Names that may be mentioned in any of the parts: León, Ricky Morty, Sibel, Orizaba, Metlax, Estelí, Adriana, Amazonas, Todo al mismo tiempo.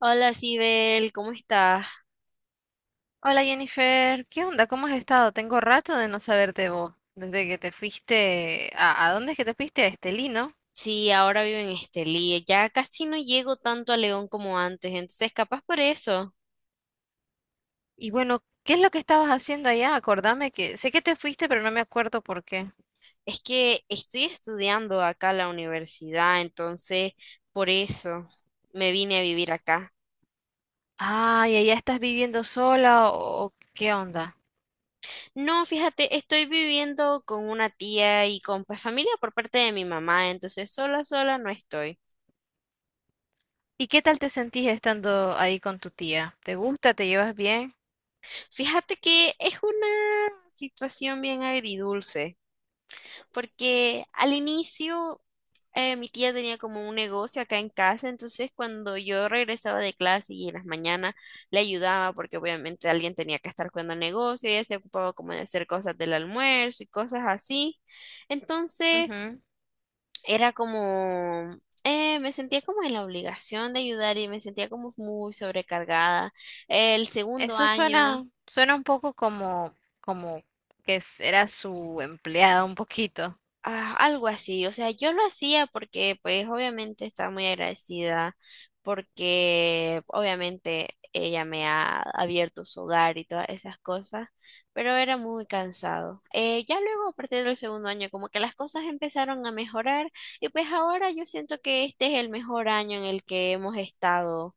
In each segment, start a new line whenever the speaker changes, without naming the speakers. Hola, Sibel, ¿cómo estás?
Hola Jennifer, ¿qué onda? ¿Cómo has estado? Tengo rato de no saberte vos, desde que te fuiste ¿a dónde es que te fuiste? A Estelí, ¿no?
Sí, ahora vivo en Estelí. Ya casi no llego tanto a León como antes, entonces capaz por eso.
Y bueno, ¿qué es lo que estabas haciendo allá? Acordame que sé que te fuiste, pero no me acuerdo por qué.
Es que estoy estudiando acá en la universidad, entonces por eso me vine a vivir acá.
Ah, ¿y allá estás viviendo sola o qué onda?
No, fíjate, estoy viviendo con una tía y con pues, familia por parte de mi mamá, entonces sola, sola no estoy.
¿Y qué tal te sentís estando ahí con tu tía? ¿Te gusta? ¿Te llevas bien?
Fíjate que es una situación bien agridulce, porque al inicio mi tía tenía como un negocio acá en casa, entonces cuando yo regresaba de clase y en las mañanas le ayudaba, porque obviamente alguien tenía que estar cuidando el negocio. Ella se ocupaba como de hacer cosas del almuerzo y cosas así. Entonces
Ujú.
era como, me sentía como en la obligación de ayudar y me sentía como muy sobrecargada. El segundo
Eso
año...
suena, suena un poco como, como que era su empleada un poquito.
Ah, algo así, o sea, yo lo hacía porque pues obviamente estaba muy agradecida porque obviamente ella me ha abierto su hogar y todas esas cosas, pero era muy cansado. Ya luego a partir del segundo año como que las cosas empezaron a mejorar y pues ahora yo siento que este es el mejor año en el que hemos estado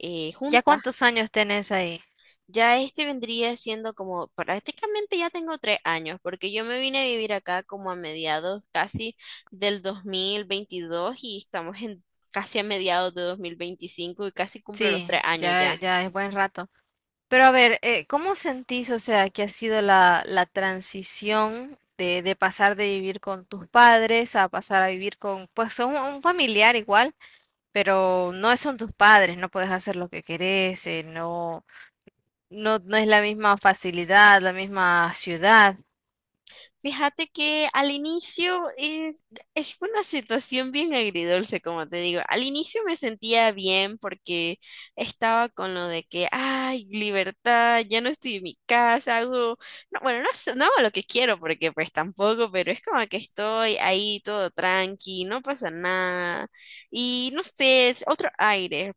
¿Ya
juntas.
cuántos años tenés ahí?
Ya este vendría siendo como prácticamente ya tengo 3 años, porque yo me vine a vivir acá como a mediados casi del 2022 y estamos en casi a mediados de 2025 y casi cumplo los
Sí,
3 años
ya,
ya.
ya es buen rato. Pero a ver, ¿cómo sentís, o sea, que ha sido la transición de pasar de vivir con tus padres a pasar a vivir con, pues, un familiar igual, pero no son tus padres, no puedes hacer lo que querés, no, no es la misma facilidad, la misma ciudad.
Fíjate que al inicio es una situación bien agridulce, como te digo. Al inicio me sentía bien porque estaba con lo de que, ay, libertad, ya no estoy en mi casa, hago, no, bueno, no, no hago lo que quiero porque pues tampoco, pero es como que estoy ahí todo tranqui, no pasa nada. Y no sé, es otro aire.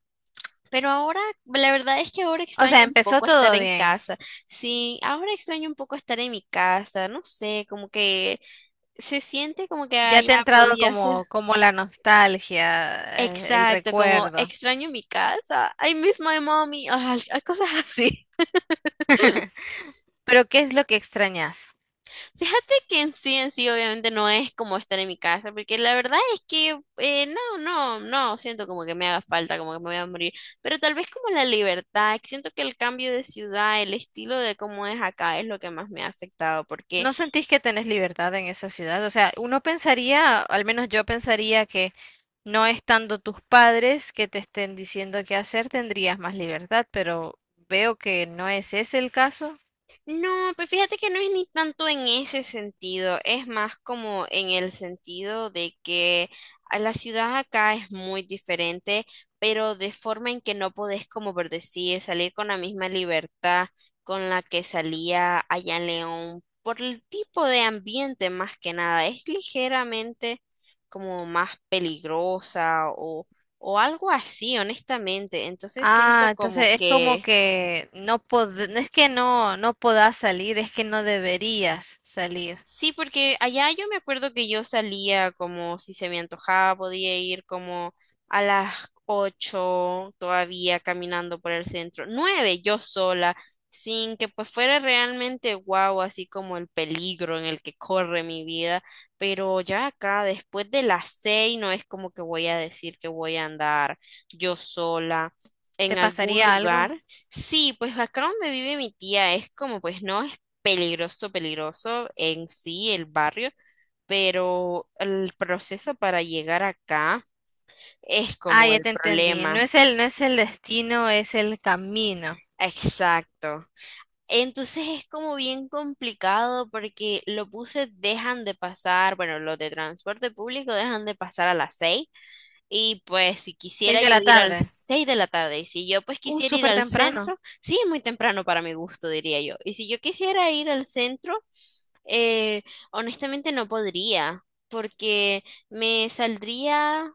Pero ahora, la verdad es que ahora
O
extraño
sea,
un
empezó
poco estar
todo
en
bien.
casa. Sí, ahora extraño un poco estar en mi casa. No sé, como que se siente como que
Ya
allá
te ha entrado
podía ser.
como, como la nostalgia, el
Exacto, como
recuerdo.
extraño mi casa. I miss my mommy. Ay, hay cosas así.
Pero ¿qué es lo que extrañas?
Fíjate que en sí, obviamente no es como estar en mi casa, porque la verdad es que no, no, no, siento como que me haga falta, como que me voy a morir, pero tal vez como la libertad, que siento que el cambio de ciudad, el estilo de cómo es acá es lo que más me ha afectado, porque...
¿No sentís que tenés libertad en esa ciudad? O sea, uno pensaría, al menos yo pensaría que no estando tus padres que te estén diciendo qué hacer, tendrías más libertad, pero veo que no es ese el caso.
No, pues fíjate que no es ni tanto en ese sentido, es más como en el sentido de que a la ciudad acá es muy diferente, pero de forma en que no podés, como por decir, salir con la misma libertad con la que salía allá en León, por el tipo de ambiente más que nada, es ligeramente como más peligrosa o algo así, honestamente. Entonces
Ah,
siento
entonces
como
es como
que...
que no es que no, no podás salir, es que no deberías salir.
Sí, porque allá yo me acuerdo que yo salía como si se me antojaba, podía ir como a las 8 todavía caminando por el centro, nueve yo sola, sin que pues fuera realmente guau, así como el peligro en el que corre mi vida, pero ya acá después de las 6 no es como que voy a decir que voy a andar yo sola
¿Te
en algún
pasaría algo?
lugar. Sí, pues acá donde vive mi tía es como pues no es peligroso, peligroso en sí el barrio, pero el proceso para llegar acá es
Ah,
como
ya
el
te entendí. No
problema.
es no es el destino, es el camino.
Exacto. Entonces es como bien complicado porque los buses dejan de pasar, bueno, los de transporte público dejan de pasar a las 6. Y pues si
Seis
quisiera
de
yo
la
ir al
tarde.
6 de la tarde, y si yo pues quisiera ir
Súper
al
temprano.
centro, sí, es muy temprano para mi gusto, diría yo. Y si yo quisiera ir al centro, eh, honestamente no podría, porque me saldría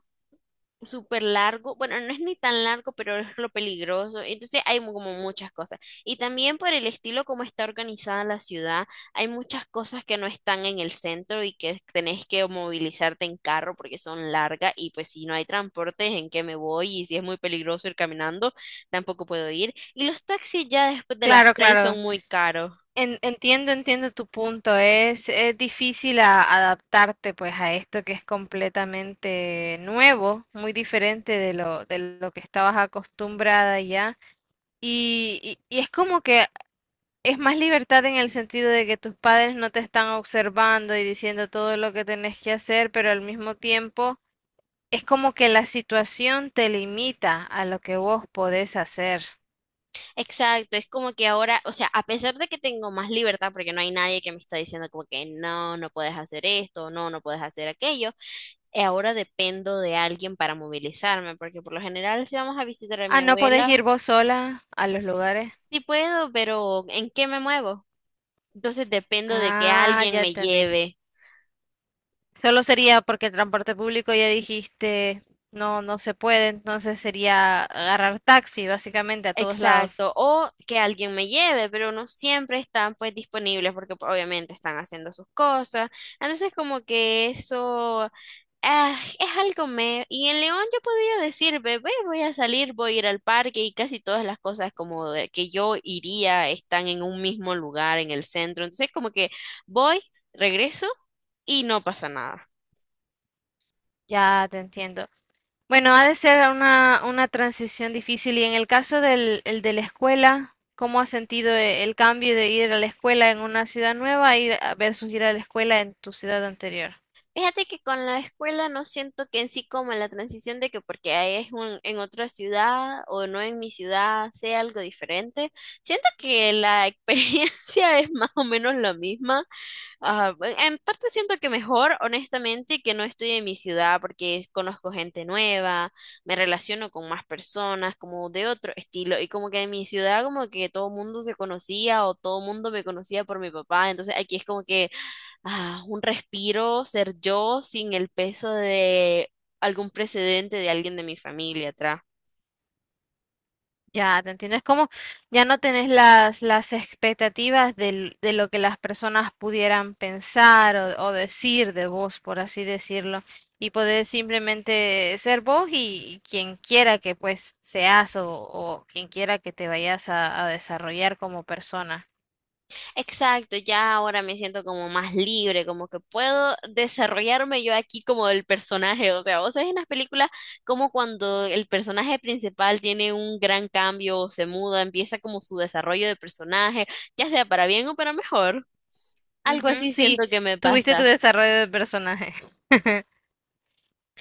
súper largo, bueno, no es ni tan largo, pero es lo peligroso, entonces hay como muchas cosas. Y también por el estilo como está organizada la ciudad, hay muchas cosas que no están en el centro y que tenés que movilizarte en carro porque son largas y pues si no hay transportes, ¿en qué me voy? Y si es muy peligroso ir caminando, tampoco puedo ir. Y los taxis ya después de las
Claro,
6
claro.
son muy caros.
Entiendo, entiendo tu punto. Es difícil adaptarte pues a esto que es completamente nuevo, muy diferente de lo que estabas acostumbrada ya. Y, y es como que es más libertad en el sentido de que tus padres no te están observando y diciendo todo lo que tenés que hacer, pero al mismo tiempo es como que la situación te limita a lo que vos podés hacer.
Exacto, es como que ahora, o sea, a pesar de que tengo más libertad, porque no hay nadie que me está diciendo como que no, no puedes hacer esto, no, no puedes hacer aquello, ahora dependo de alguien para movilizarme, porque por lo general si vamos a visitar a mi
Ah, ¿no podés
abuela,
ir vos sola a los lugares?
sí puedo, pero ¿en qué me muevo? Entonces dependo de que
Ah,
alguien
ya
me
entendí.
lleve,
Solo sería porque el transporte público ya dijiste no, no se puede, entonces sería agarrar taxi básicamente a todos lados.
exacto, o que alguien me lleve, pero no siempre están pues disponibles porque pues, obviamente están haciendo sus cosas. Entonces como que eso... Ah, es algo me... Y en León yo podía decir, bebé, voy a salir, voy a ir al parque y casi todas las cosas como de que yo iría están en un mismo lugar, en el centro. Entonces como que voy, regreso y no pasa nada.
Ya te entiendo. Bueno, ha de ser una transición difícil y en el caso del el de la escuela, ¿cómo has sentido el cambio de ir a la escuela en una ciudad nueva a versus ir a la escuela en tu ciudad anterior?
Fíjate que con la escuela no siento que en sí como la transición de que porque ahí es un, en otra ciudad o no en mi ciudad sea algo diferente. Siento que la experiencia es más o menos la misma. Ah, bueno, en parte siento que mejor, honestamente, que no estoy en mi ciudad porque conozco gente nueva, me relaciono con más personas, como de otro estilo, y como que en mi ciudad como que todo mundo se conocía o todo mundo me conocía por mi papá, entonces aquí es como que ah, un respiro, ser yo sin el peso de algún precedente de alguien de mi familia atrás.
Ya, te entiendo. Es como ya no tenés las expectativas de lo que las personas pudieran pensar o decir de vos, por así decirlo, y poder simplemente ser vos y quien quiera que pues seas o quien quiera que te vayas a desarrollar como persona.
Exacto, ya ahora me siento como más libre, como que puedo desarrollarme yo aquí como el personaje, o sea, vos sabés en las películas como cuando el personaje principal tiene un gran cambio, o se muda, empieza como su desarrollo de personaje, ya sea para bien o para mejor, algo
Ujú,
así
sí,
siento que me
tuviste tu
pasa.
desarrollo de personaje,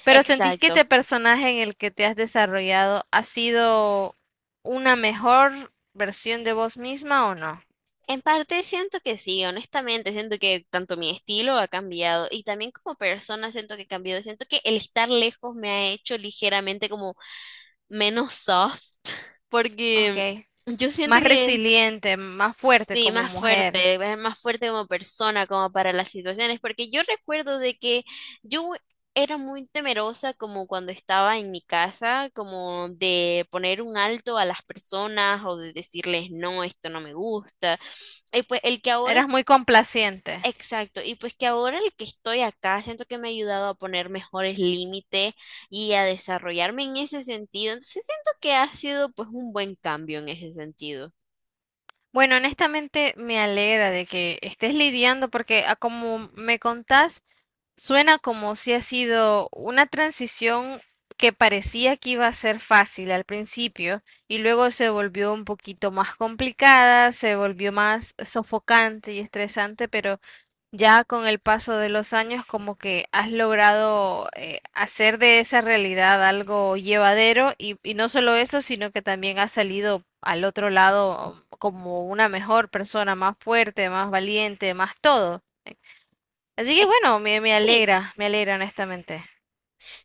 pero ¿sentís que
Exacto.
este personaje en el que te has desarrollado ha sido una mejor versión de vos misma o no?
En parte siento que sí, honestamente, siento que tanto mi estilo ha cambiado y también como persona siento que he cambiado, siento que el estar lejos me ha hecho ligeramente como menos soft, porque
Ok,
yo siento
más
que
resiliente, más fuerte
sí,
como
más
mujer.
fuerte, es más fuerte como persona, como para las situaciones, porque yo recuerdo de que yo era muy temerosa como cuando estaba en mi casa, como de poner un alto a las personas o de decirles, no, esto no me gusta. Y pues el que ahora...
Eras muy complaciente.
Exacto, y pues que ahora el que estoy acá, siento que me ha ayudado a poner mejores límites y a desarrollarme en ese sentido. Entonces siento que ha sido pues un buen cambio en ese sentido.
Bueno, honestamente me alegra de que estés lidiando porque a como me contás, suena como si ha sido una transición que parecía que iba a ser fácil al principio y luego se volvió un poquito más complicada, se volvió más sofocante y estresante, pero ya con el paso de los años como que has logrado hacer de esa realidad algo llevadero y no solo eso, sino que también has salido al otro lado como una mejor persona, más fuerte, más valiente, más todo. Así que bueno,
Ex-
me,
Sí,
me alegra honestamente.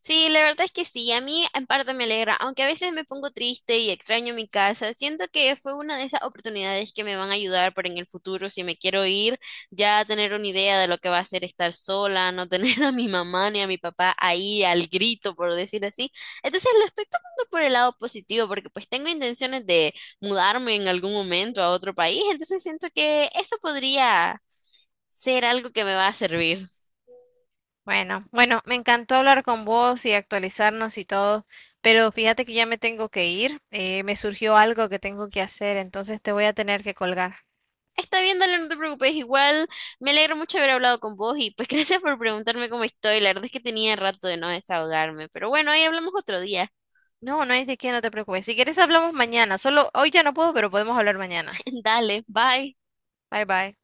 sí, la verdad es que sí, a mí en parte me alegra, aunque a veces me pongo triste y extraño mi casa, siento que fue una de esas oportunidades que me van a ayudar para en el futuro, si me quiero ir, ya tener una idea de lo que va a ser estar sola, no tener a mi mamá ni a mi papá ahí al grito, por decir así. Entonces lo estoy tomando por el lado positivo, porque pues tengo intenciones de mudarme en algún momento a otro país, entonces siento que eso podría ser algo que me va a servir.
Bueno, bueno, me encantó hablar con vos y actualizarnos y todo, pero fíjate que ya me tengo que ir, me surgió algo que tengo que hacer, entonces te voy a tener que colgar.
Está bien, dale, no te preocupes. Igual me alegro mucho haber hablado con vos y pues gracias por preguntarme cómo estoy. La verdad es que tenía rato de no desahogarme, pero bueno, ahí hablamos otro día.
No, no hay de qué, no te preocupes. Si quieres hablamos mañana. Solo hoy ya no puedo, pero podemos hablar mañana.
Dale, bye.
Bye bye.